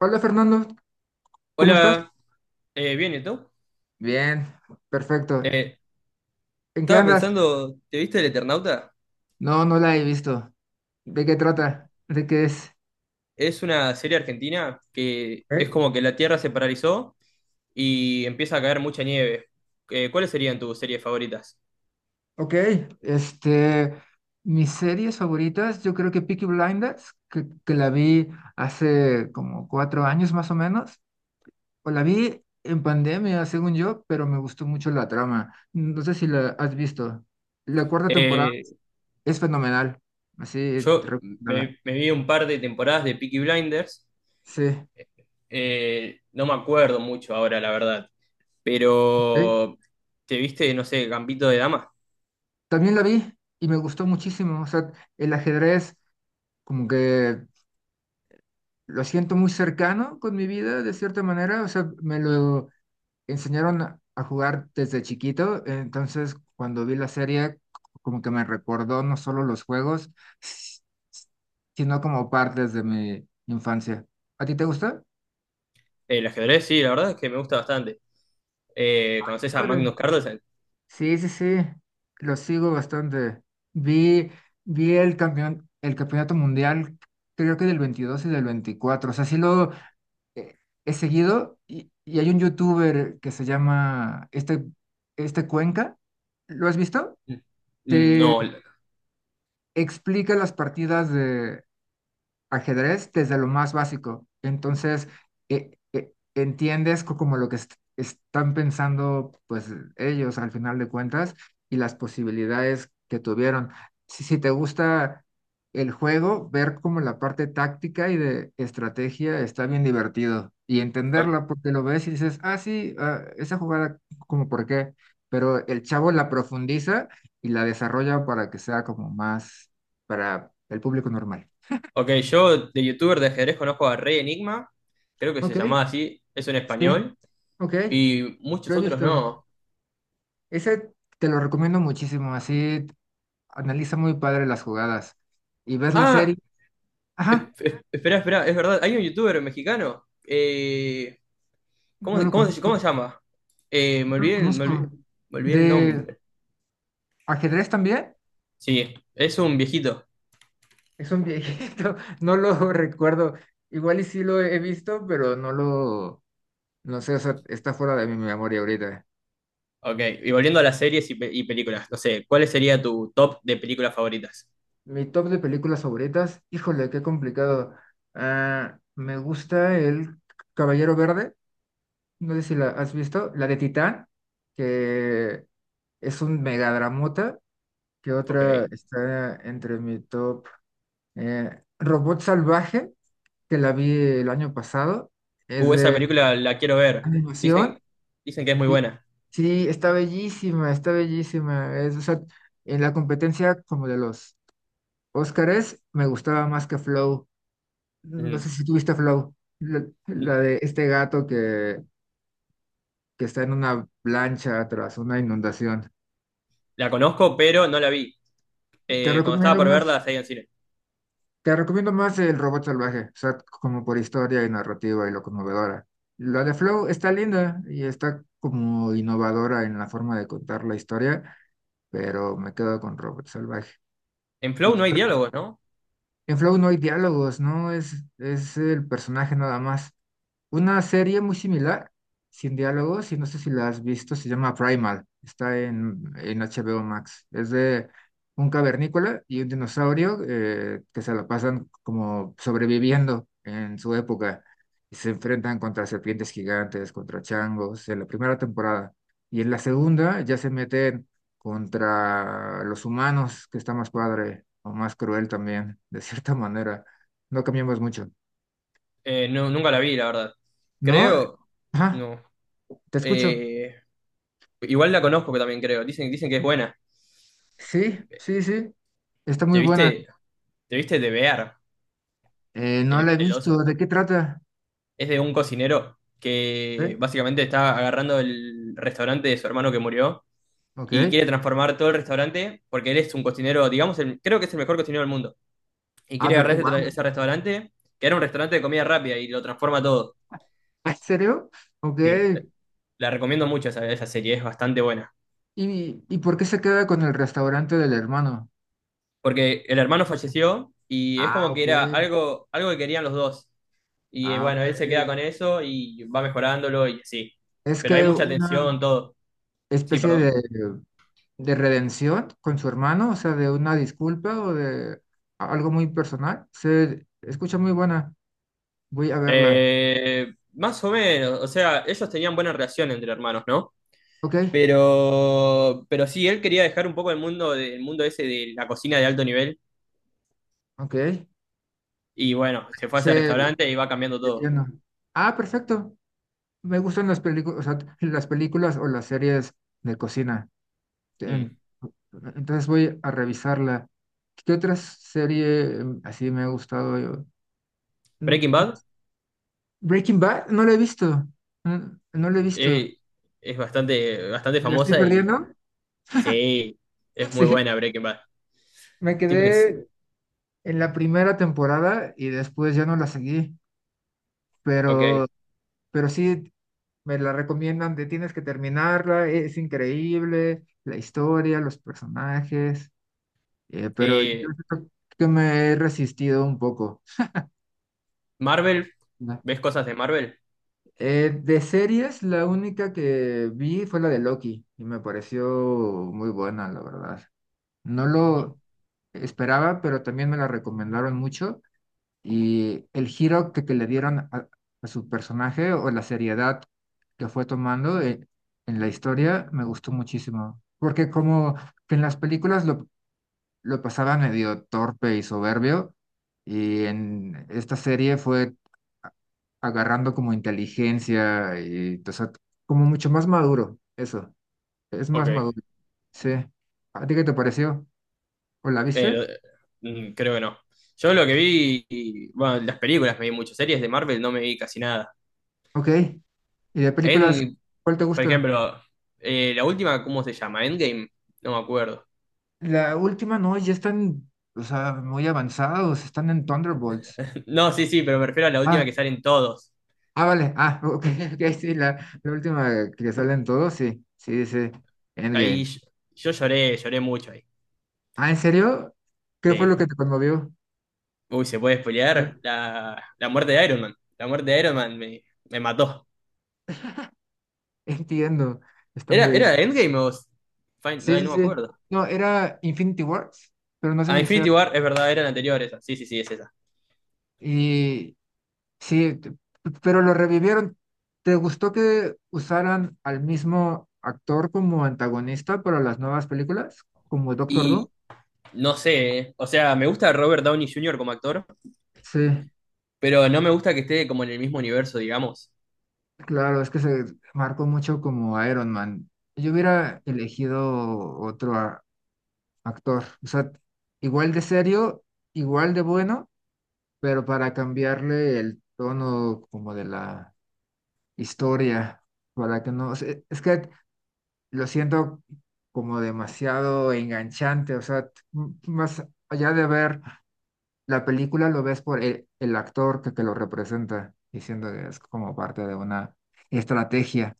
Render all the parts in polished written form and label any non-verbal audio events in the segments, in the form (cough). Hola Fernando, ¿cómo estás? Hola, bien, ¿y tú? Bien, perfecto. Eh, ¿En qué Estaba andas? pensando, ¿te viste El Eternauta? No, no la he visto. ¿De qué trata? ¿De qué es? Es una serie argentina que es ¿Eh? como que la Tierra se paralizó y empieza a caer mucha nieve. ¿Cuáles serían tus series favoritas? Ok, este, mis series favoritas, yo creo que Peaky Blinders, que la vi hace como 4 años más o menos, o la vi en pandemia, según yo, pero me gustó mucho la trama. No sé si la has visto. La cuarta temporada Eh, es fenomenal, así te yo recomendada. me, me vi un par de temporadas de Peaky Blinders, Sí, no me acuerdo mucho ahora, la verdad, ok. pero ¿te viste, no sé, Gambito de Dama? También la vi y me gustó muchísimo. O sea, el ajedrez como que lo siento muy cercano con mi vida de cierta manera. O sea, me lo enseñaron a jugar desde chiquito. Entonces, cuando vi la serie, como que me recordó no solo los juegos, s- sino como partes de mi infancia. ¿A ti te gusta? El ajedrez, sí, la verdad es que me gusta bastante. ¿Conoces a Magnus Padre. Carlsen? Sí, sí, sí, lo sigo bastante. Vi, vi el campeonato mundial, creo que del 22 y del veinticuatro. O sea, sí lo eh, he seguido y hay un youtuber que se llama Cuenca. ¿Lo has visto? Te No, explica las partidas de ajedrez desde lo más básico. Entonces, entiendes como lo que están pensando pues ellos al final de cuentas y las posibilidades que tuvieron. Si, si te gusta el juego, ver como la parte táctica y de estrategia está bien divertido y entenderla porque lo ves y dices, ah, sí, ah, esa jugada como por qué, pero el chavo la profundiza y la desarrolla para que sea como más para el público normal. ok, yo de youtuber de ajedrez conozco a Rey Enigma, creo que se Ok, llamaba así, es en sí, español, ok, y muchos lo he otros visto. no. Ese te lo recomiendo muchísimo, así analiza muy padre las jugadas y ves la Ah, serie. Ajá, espera, espera, es verdad, hay un youtuber mexicano, ¿cómo, no lo cómo conozco, se llama? Me no lo olvidé, me olvidé, conozco. me olvidé el ¿De nombre. ajedrez también? Sí, es un viejito. Es un viejito, (laughs) no lo recuerdo. Igual y sí lo he visto, pero no sé, o sea, está fuera de mi memoria ahorita. Ok, y volviendo a las series y, y películas, no sé, ¿cuál sería tu top de películas favoritas? Mi top de películas favoritas, híjole, qué complicado. Ah, me gusta El Caballero Verde. No sé si la has visto, la de Titán, que es un megadramota, que otra Ok. está entre mi top. Robot Salvaje, que la vi el año pasado, es Esa de película la quiero ver, animación. dicen, dicen que es muy y- buena. sí, está bellísima, está bellísima. O sea, en la competencia como de los Óscares, me gustaba más que Flow. No Mm. sé si tuviste Flow, la de este gato que está en una plancha tras una inundación. La conozco, pero no la vi. Te Cuando estaba recomiendo por verla, más, la seguía en cine. te recomiendo más el robot salvaje, o sea, como por historia y narrativa y lo conmovedora. La de Flow está linda y está como innovadora en la forma de contar la historia, pero me quedo con robot salvaje. En ¿Y Flow qué no hay otra diálogos, ¿no? En Flow no hay diálogos, ¿no? Es el personaje nada más. Una serie muy similar, sin diálogos, y no sé si la has visto, se llama Primal. Está en HBO Max. Es de un cavernícola y un dinosaurio que se la pasan como sobreviviendo en su época. Y se enfrentan contra serpientes gigantes, contra changos, en la primera temporada. Y en la segunda ya se meten contra los humanos, que está más padre o más cruel también, de cierta (laughs) manera. No cambiamos mucho. Nunca la vi, la verdad. No, Creo, ajá, no. te escucho. Eh, Igual la conozco que también creo. Dicen, dicen que es buena. Sí, sí, sí, está ¿Te muy buena. viste, te viste de Bear, No la he el visto. oso? ¿De qué trata? Es de un cocinero que ¿Eh? básicamente está agarrando el restaurante de su hermano que murió Ok. y quiere transformar todo el restaurante porque él es un cocinero, digamos, creo que es el mejor cocinero del mundo. Y Ah, quiere pero, agarrar ese, wow, ese restaurante, que era un restaurante de comida rápida y lo transforma todo. (laughs) ¿en serio? Ok. Sí. La recomiendo mucho esa, esa serie, es bastante buena. ¿Y por qué se queda con el restaurante del hermano? Porque el hermano falleció y es Ah, como que ok. era algo, algo que querían los dos. Y Ah, bueno, ok. él se queda con eso y va mejorándolo y así. Es Pero hay que mucha una tensión, todo. Sí, especie de perdón. Redención con su hermano, o sea, de una disculpa o de algo muy personal. Se escucha muy buena, voy a verla. Más o menos, o sea, ellos tenían buena relación entre hermanos, ¿no? Ok, Pero sí, él quería dejar un poco el mundo, el mundo ese de la cocina de alto nivel. ok. Y bueno, se fue a ese Se restaurante y va cambiando todo. llena. Ah, perfecto. Me gustan las películas, o sea, las películas o las series de cocina. Mm. En- entonces voy a revisarla. ¿Qué otra serie así me ha gustado? Mm, Breaking mm, Bad Breaking Bad, no la he visto. No la he visto. eh, es bastante, bastante ¿Me la estoy famosa y perdiendo? (laughs) sí, es muy Sí, buena Breaking Bad. me Stevens, quedé en la primera temporada y después ya no la seguí, ok. pero, pero sí me la recomiendan de tienes que terminarla, es increíble, la historia, los personajes, pero yo Eh, creo que me he resistido un poco, Marvel, ¿no? ¿ves cosas de Marvel? De series, la única que vi fue la de Loki y me pareció muy buena, la verdad. No lo esperaba, pero también me la recomendaron mucho. Y el giro que le dieron a su personaje o la seriedad que fue tomando en la historia me gustó muchísimo. Porque como que en las películas lo pasaba medio torpe y soberbio, y en esta serie fue a- agarrando como inteligencia y o sea, como mucho más maduro, eso, es Ok. más maduro. Sí. ¿A ti qué te pareció? ¿O la Eh, viste? lo- mm, creo que no. Yo lo que vi, y, bueno, las películas me vi mucho, series de Marvel no me vi casi nada. Ok. ¿Y de películas, En, cuál te por gusta? ejemplo, la última, ¿cómo se llama? Endgame, no me acuerdo. La última no, ya están, o sea, muy avanzados, están en Thunderbolts. (laughs) No, sí, sí, pero me refiero a la última Ah, que salen todos. ah, vale, ah, ok, (laughs) ok, sí, la última que salen todos, sí, sí, dice Ahí Endgame. yo, yo lloré, lloré mucho ahí. Ah, ¿en serio? ¿Qué fue Sí. lo que te conmovió? Uy, ¿se puede (laughs) Eh, spoilear? La muerte de Iron Man. La muerte de Iron Man me, me mató. Entiendo, está ¿Era, muy bien. era Endgame o Fin- Sí, Ay, sí, no me sí. acuerdo. No, era Infinity Wars, pero no sé A si sea. Infinity War, es verdad, era eran esa sí, sí, sí, es esa. Y, Sí, pero lo revivieron. ¿Te gustó que usaran al mismo actor como antagonista para las nuevas películas? Como Doctor Doom. Y no sé, o sea, me gusta Robert Downey Jr. como actor, Sí, pero no me gusta que esté como en el mismo universo, digamos. claro, es que se marcó mucho como Iron Man. Yo hubiera elegido otro actor, o sea, igual de serio, igual de bueno, pero para cambiarle el tono como de la historia, para que no, o sea, es que lo siento como demasiado enganchante, o sea, más allá de ver la película, lo ves por el actor que lo representa, diciendo que es como parte de una estrategia.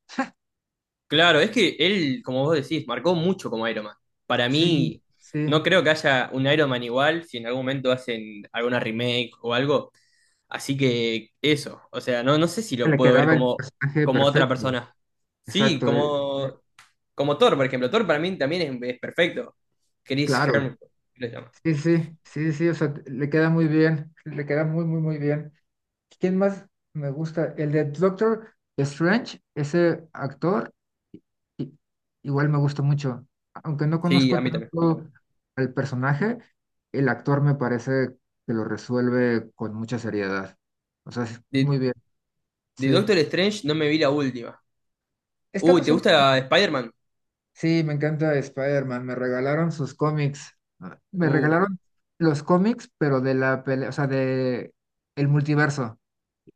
Claro, es que él, como vos decís, marcó mucho como Iron Man. Para Sí, mí, sí, no creo que haya un Iron Man igual si en algún momento hacen alguna remake o algo. Así que eso, o sea, no, no sé si lo le puedo ver quedaba el como, personaje como otra perfecto, persona. Sí, exacto, como, como Thor, por ejemplo. Thor para mí también es perfecto. Chris claro, Hemsworth, ¿qué le llama? sí, sí, sí, sí, o sea, le queda muy bien, le queda muy, muy, muy bien. ¿Quién más me gusta? El de Doctor Strange, ese actor, i- igual me gusta mucho. Aunque no Sí, a conozco mí también. tanto al personaje, el actor me parece que lo resuelve con mucha seriedad. O sea, es De, muy bien. de Sí. Doctor Strange no me vi la última. Está Uy, más ¿te o menos- gusta Spider-Man? Sí, me encanta Spider-Man. Me regalaron sus cómics. Ah, me Uh, regalaron los cómics, pero de la pelea, o sea, de el multiverso.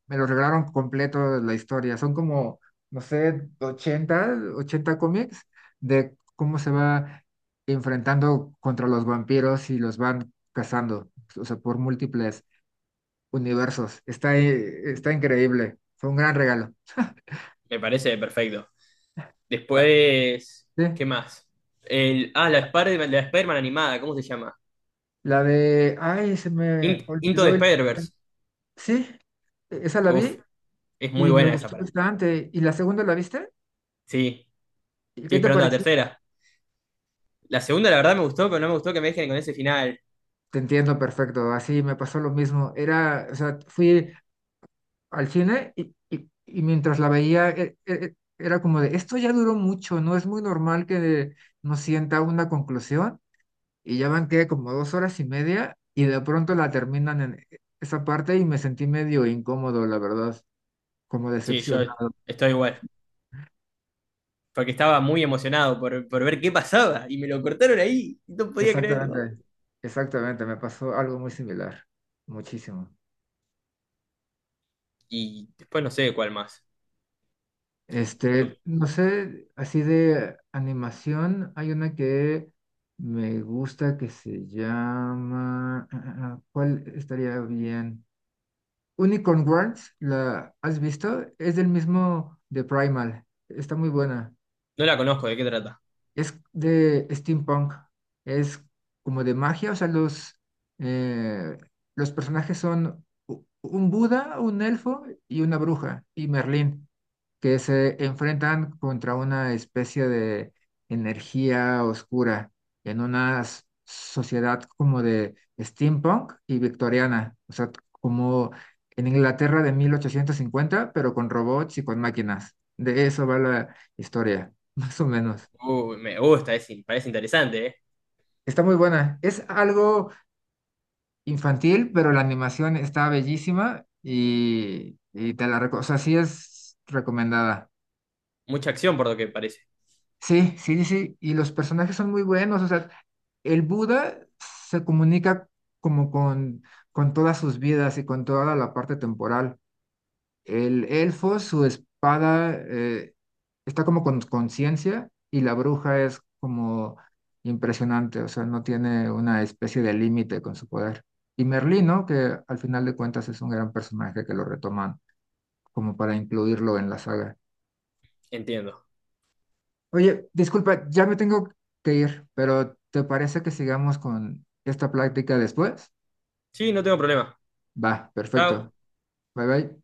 Me lo regalaron completo la historia. Son como, no sé, 80 cómics de cómo se va enfrentando contra los vampiros y los van cazando, o sea, por múltiples universos. Está increíble. Fue un gran regalo. (laughs) me parece perfecto. Ah, Después, sí, ¿qué más? El, ah, la Spider-Man animada, ¿cómo se llama? la de, ay, se me Into olvidó the el. Spider-Verse. Sí, esa la Uf, vi es muy y me buena esa gustó para mí. bastante. ¿Y la segunda la viste? Sí, ¿Y estoy qué te esperando la pareció? tercera. La segunda, la verdad, me gustó, pero no me gustó que me dejen con ese final. Te entiendo perfecto, así me pasó lo mismo. Era, o sea, fui al cine y mientras la veía era como de, esto ya duró mucho, no es muy normal que no sienta una conclusión y ya van que como 2 horas y media y de pronto la terminan en esa parte y me sentí medio incómodo, la verdad, como Sí, yo decepcionado. estoy igual. Porque estaba muy emocionado por ver qué pasaba. Y me lo cortaron ahí, y no podía creerlo. Exactamente, exactamente, me pasó algo muy similar, muchísimo. Y después no sé cuál más. No sé, así de animación, hay una que me gusta que se llama, ¿cuál estaría bien? Unicorn Wars, ¿la has visto? Es del mismo de Primal, está muy buena. No la conozco, ¿de qué trata? Es de steampunk, es como de magia, o sea, eh, los personajes son un Buda, un elfo y una bruja, y Merlín que se enfrentan contra una especie de energía oscura en una sociedad como de steampunk y victoriana, o sea, como en Inglaterra de 1850, pero con robots y con máquinas. De eso va la historia, (laughs) más o menos. Me gusta, parece interesante, ¿eh? Está muy buena. Es algo infantil, pero la animación está bellísima y te la recomiendo. O sea, sí es recomendada. Mucha acción por lo que parece. Sí, sí, sí, y los personajes son muy buenos, o sea, el Buda se comunica como con todas sus vidas y con toda la parte temporal. El elfo, su espada está como con conciencia y la bruja es como impresionante, o sea, no tiene una especie de límite con su poder. Y Merlín, ¿no? Que al final de cuentas es un gran personaje que lo retoman como para incluirlo en la saga. Entiendo. Oye, disculpa, ya me tengo que ir, pero ¿te parece que sigamos con esta práctica después? Sí, no tengo problema. Va, perfecto. Chao. Bye bye.